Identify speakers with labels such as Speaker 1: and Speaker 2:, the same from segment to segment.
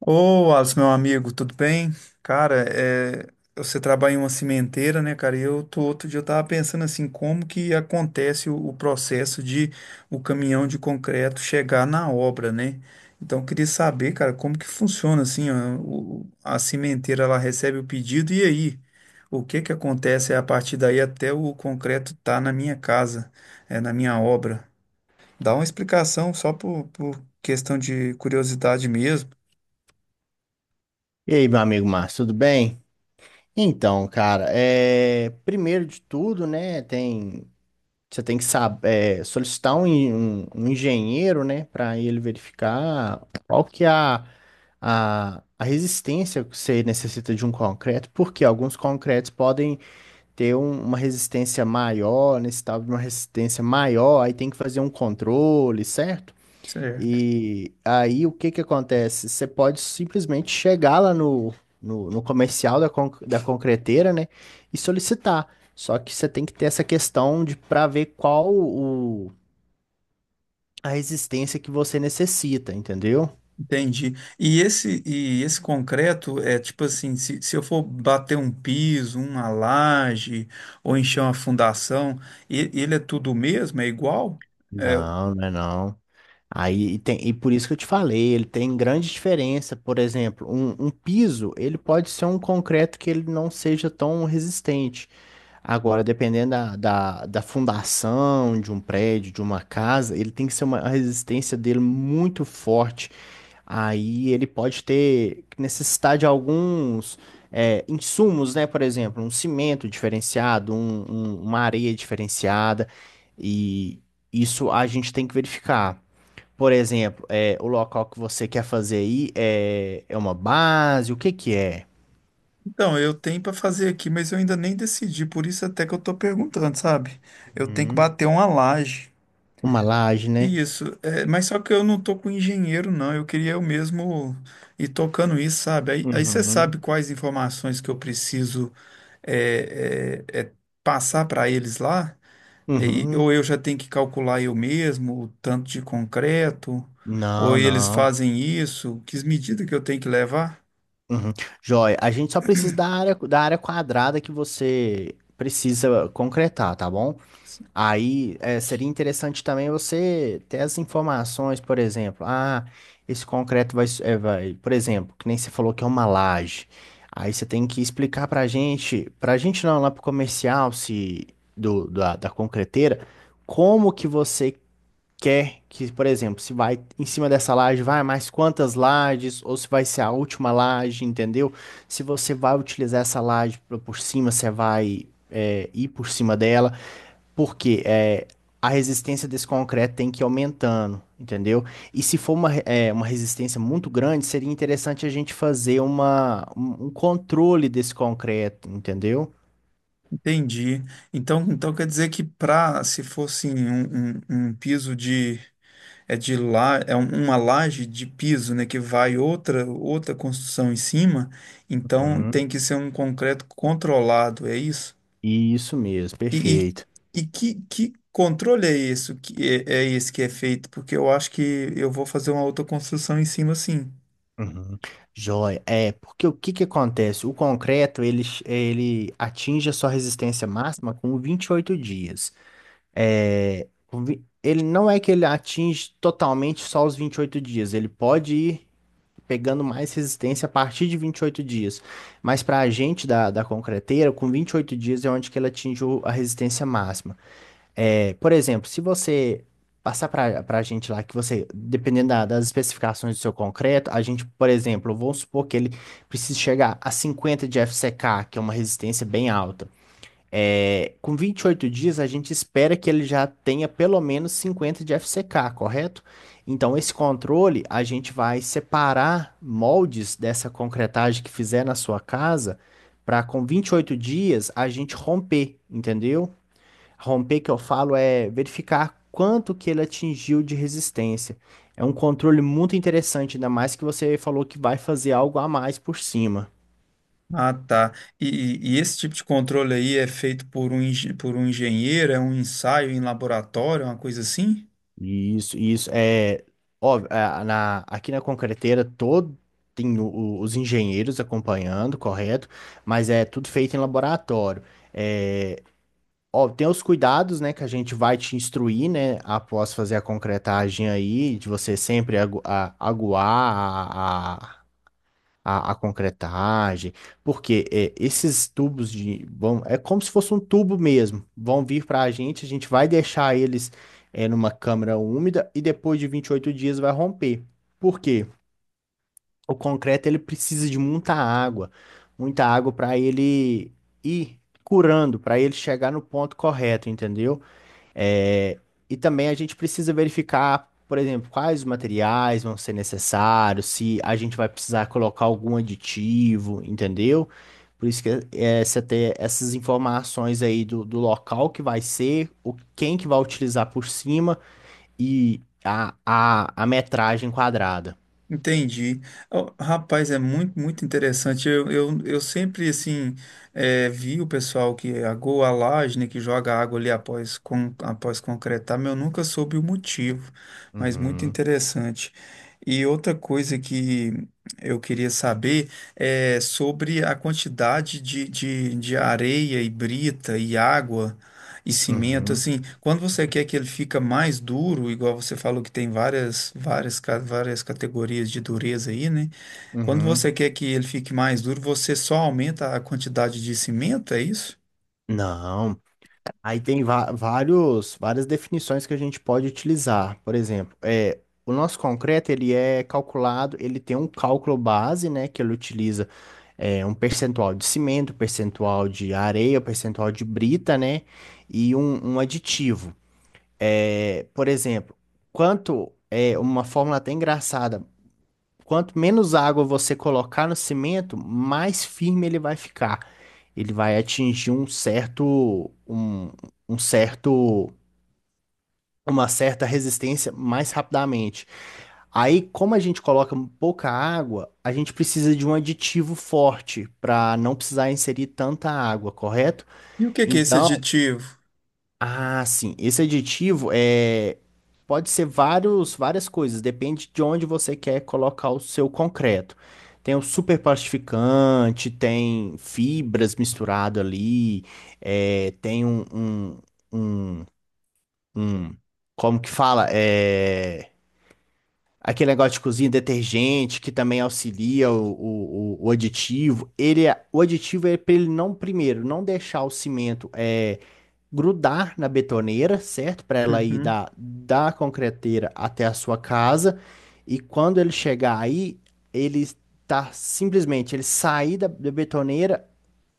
Speaker 1: Ô, Alisson, meu amigo, tudo bem? Cara, você trabalha em uma cimenteira, né, cara? E eu tô... Outro dia eu tava pensando assim, como que acontece o processo de o caminhão de concreto chegar na obra, né? Então, eu queria saber, cara, como que funciona assim, ó, a cimenteira, ela recebe o pedido e aí? O que que acontece a partir daí até o concreto tá na minha casa, na minha obra? Dá uma explicação só por questão de curiosidade mesmo,
Speaker 2: E aí, meu amigo Márcio, tudo bem? Então, cara, primeiro de tudo, né, você tem que saber, solicitar um engenheiro, né, para ele verificar qual que é a resistência que você necessita de um concreto, porque alguns concretos podem ter uma resistência maior, necessitar de uma resistência maior, aí tem que fazer um controle, certo?
Speaker 1: certo?
Speaker 2: E aí o que que acontece? Você pode simplesmente chegar lá no comercial da, da concreteira, né? E solicitar. Só que você tem que ter essa questão de para ver qual o, a resistência que você necessita, entendeu?
Speaker 1: Entendi. E esse concreto é tipo assim, se eu for bater um piso, uma laje, ou encher uma fundação, ele é tudo mesmo? É igual? É,
Speaker 2: Não, não é não. E por isso que eu te falei, ele tem grande diferença. Por exemplo, um piso, ele pode ser um concreto que ele não seja tão resistente. Agora, dependendo da fundação de um prédio, de uma casa, ele tem que ser uma a resistência dele muito forte. Aí ele pode ter necessidade de alguns insumos, né? Por exemplo, um cimento diferenciado, uma areia diferenciada. E isso a gente tem que verificar. Por exemplo, o local que você quer fazer aí é, é uma base? O que que é?
Speaker 1: então, eu tenho para fazer aqui, mas eu ainda nem decidi, por isso até que eu tô perguntando, sabe? Eu tenho que
Speaker 2: Uhum.
Speaker 1: bater uma laje.
Speaker 2: Uma laje, né?
Speaker 1: Isso, é, mas só que eu não tô com engenheiro, não. Eu queria eu mesmo ir tocando isso, sabe? Aí você sabe
Speaker 2: Uhum.
Speaker 1: quais informações que eu preciso é, é, é, passar para eles lá? É,
Speaker 2: Uhum.
Speaker 1: ou eu já tenho que calcular eu mesmo o tanto de concreto, ou
Speaker 2: Não,
Speaker 1: eles
Speaker 2: não.
Speaker 1: fazem isso, que medidas que eu tenho que levar?
Speaker 2: Uhum. Joia, a gente só precisa da área quadrada que você precisa concretar, tá bom?
Speaker 1: Assim,
Speaker 2: Aí seria interessante também você ter as informações, por exemplo, ah, esse concreto vai, vai, por exemplo, que nem você falou que é uma laje. Aí você tem que explicar pra gente não, lá pro comercial, se do, da concreteira, como que você quer que, por exemplo, se vai em cima dessa laje, vai mais quantas lajes, ou se vai ser a última laje, entendeu? Se você vai utilizar essa laje pra- por cima, você vai ir por cima dela, porque a resistência desse concreto tem que ir aumentando, entendeu? E se for uma, uma resistência muito grande, seria interessante a gente fazer uma, um controle desse concreto, entendeu?
Speaker 1: entendi. Então quer dizer que para, se fosse um piso de, é, de lá, é uma laje de piso, né, que vai outra outra construção em cima, então
Speaker 2: Uhum.
Speaker 1: tem que ser um concreto controlado, é isso?
Speaker 2: Isso mesmo,
Speaker 1: E, e,
Speaker 2: perfeito.
Speaker 1: e que controle é isso que esse que é feito? Porque eu acho que eu vou fazer uma outra construção em cima, sim.
Speaker 2: Uhum. Joia. É, porque o que que acontece? O concreto, ele, ele atinge a sua resistência máxima com 28 dias. É, ele não é que ele atinge totalmente só os 28 dias, ele pode ir pegando mais resistência a partir de 28 dias. Mas para a gente da concreteira, com 28 dias é onde que ele atinge a resistência máxima. É, por exemplo, se você passar para a gente lá que você, dependendo das especificações do seu concreto, a gente, por exemplo, vamos supor que ele precise chegar a 50 de FCK, que é uma resistência bem alta. É, com 28 dias, a gente espera que ele já tenha pelo menos 50 de FCK, correto? Então, esse controle, a gente vai separar moldes dessa concretagem que fizer na sua casa, para com 28 dias a gente romper, entendeu? Romper que eu falo é verificar quanto que ele atingiu de resistência. É um controle muito interessante, ainda mais que você falou que vai fazer algo a mais por cima.
Speaker 1: Ah, tá. E, e esse tipo de controle aí é feito por um, por um engenheiro, é um ensaio em laboratório, uma coisa assim?
Speaker 2: Isso, e isso é óbvio, aqui na concreteira todo tem os engenheiros acompanhando, correto? Mas é tudo feito em laboratório. É, ó, tem os cuidados, né, que a gente vai te instruir, né, após fazer a concretagem aí, de você sempre aguar a, a concretagem, porque esses tubos de vão, é como se fosse um tubo mesmo, vão vir para a gente vai deixar eles numa câmara úmida e depois de 28 dias vai romper. Por quê? O concreto ele precisa de muita água para ele ir curando, para ele chegar no ponto correto, entendeu? É, e também a gente precisa verificar, por exemplo, quais os materiais vão ser necessários, se a gente vai precisar colocar algum aditivo, entendeu? Por isso que é, você ter essas informações aí do, do local que vai ser, o, quem que vai utilizar por cima e a metragem quadrada.
Speaker 1: Entendi. Ó, rapaz, é muito, muito interessante. Eu sempre, assim, vi o pessoal que agou a laje, né, que joga água ali após, após concretar, mas eu nunca soube o motivo, mas muito
Speaker 2: Uhum,
Speaker 1: interessante. E outra coisa que eu queria saber é sobre a quantidade de areia e brita e água e cimento,
Speaker 2: uhum,
Speaker 1: assim, quando você quer que ele fica mais duro, igual você falou que tem várias, várias, várias categorias de dureza aí, né? Quando você
Speaker 2: uhum.
Speaker 1: quer que ele fique mais duro, você só aumenta a quantidade de cimento, é isso?
Speaker 2: Não. Vários, várias definições que a gente pode utilizar. Por exemplo, é, o nosso concreto ele é calculado, ele tem um cálculo base, né, que ele utiliza um percentual de cimento, percentual de areia, percentual de brita, né, e um aditivo. É, por exemplo, quanto é uma fórmula até engraçada. Quanto menos água você colocar no cimento, mais firme ele vai ficar. Ele vai atingir um, um certo, uma certa resistência mais rapidamente. Aí, como a gente coloca pouca água, a gente precisa de um aditivo forte para não precisar inserir tanta água, correto?
Speaker 1: E o que que é esse
Speaker 2: Então,
Speaker 1: aditivo?
Speaker 2: ah, sim. Esse aditivo é pode ser vários, várias coisas, depende de onde você quer colocar o seu concreto. Tem o superplastificante, tem fibras misturado ali, é, tem um, um, um, um- como que fala? É, aquele negócio de cozinha, detergente, que também auxilia o aditivo. Ele, o aditivo é para ele não, primeiro, não deixar o cimento. Grudar na betoneira, certo? Para ela ir
Speaker 1: Uhum.
Speaker 2: da concreteira até a sua casa. E quando ele chegar aí, ele tá simplesmente, ele sair da betoneira,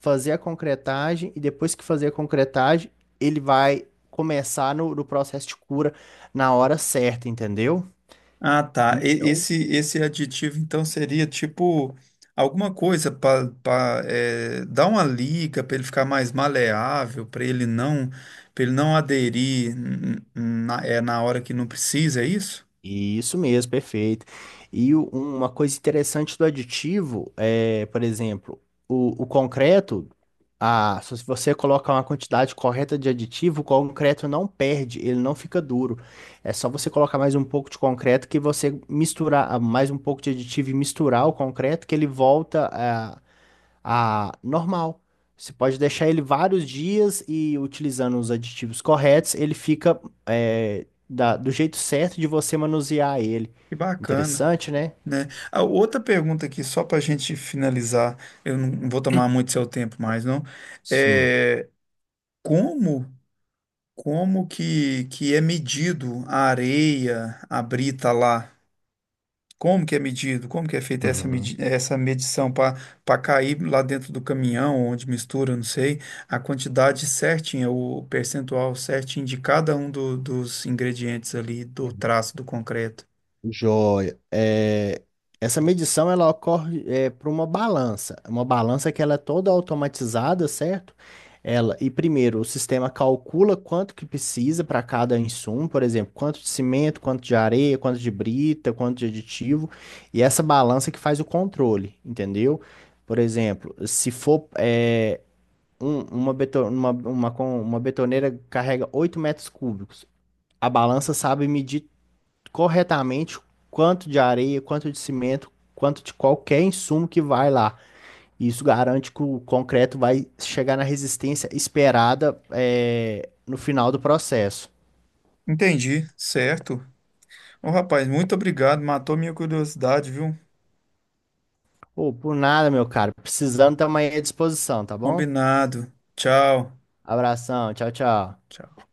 Speaker 2: fazer a concretagem, e depois que fazer a concretagem, ele vai começar no processo de cura na hora certa, entendeu?
Speaker 1: Ah, tá.
Speaker 2: Isso, é um
Speaker 1: Esse aditivo, então, seria tipo alguma coisa para dar uma liga para ele ficar mais maleável, para ele não aderir na, é, na hora que não precisa, é isso?
Speaker 2: Isso mesmo, perfeito. Uma coisa interessante do aditivo é, por exemplo, o concreto, a, se você colocar uma quantidade correta de aditivo, o concreto não perde, ele não fica duro. É só você colocar mais um pouco de concreto que você misturar ah, mais um pouco de aditivo e misturar o concreto que ele volta a normal. Você pode deixar ele vários dias e utilizando os aditivos corretos, ele fica do jeito certo de você manusear ele.
Speaker 1: Que bacana,
Speaker 2: Interessante, né?
Speaker 1: né? A outra pergunta aqui, só para a gente finalizar, eu não vou tomar muito seu tempo mais, não.
Speaker 2: Sim.
Speaker 1: É como, que é medido a areia, a brita lá? Como que é medido? Como que é feita essa, medi
Speaker 2: Uhum.
Speaker 1: essa medição para para cair lá dentro do caminhão, onde mistura, não sei, a quantidade certinha, o percentual certinho de cada um dos ingredientes ali do traço do concreto?
Speaker 2: Joia. É, essa medição ela ocorre para uma balança que ela é toda automatizada, certo? Ela e primeiro o sistema calcula quanto que precisa para cada insumo, por exemplo, quanto de cimento, quanto de areia, quanto de brita, quanto de aditivo, e essa balança que faz o controle, entendeu? Por exemplo, se for é, um- uma, beto- uma, com- uma betoneira carrega 8 metros cúbicos, a balança sabe medir corretamente quanto de areia, quanto de cimento, quanto de qualquer insumo que vai lá. Isso garante que o concreto vai chegar na resistência esperada, é, no final do processo.
Speaker 1: Entendi, certo. Ô, rapaz, muito obrigado. Matou minha curiosidade, viu?
Speaker 2: Ô, por nada, meu caro. Precisando, também à disposição, tá bom?
Speaker 1: Combinado. Tchau.
Speaker 2: Abração, tchau, tchau.
Speaker 1: Tchau.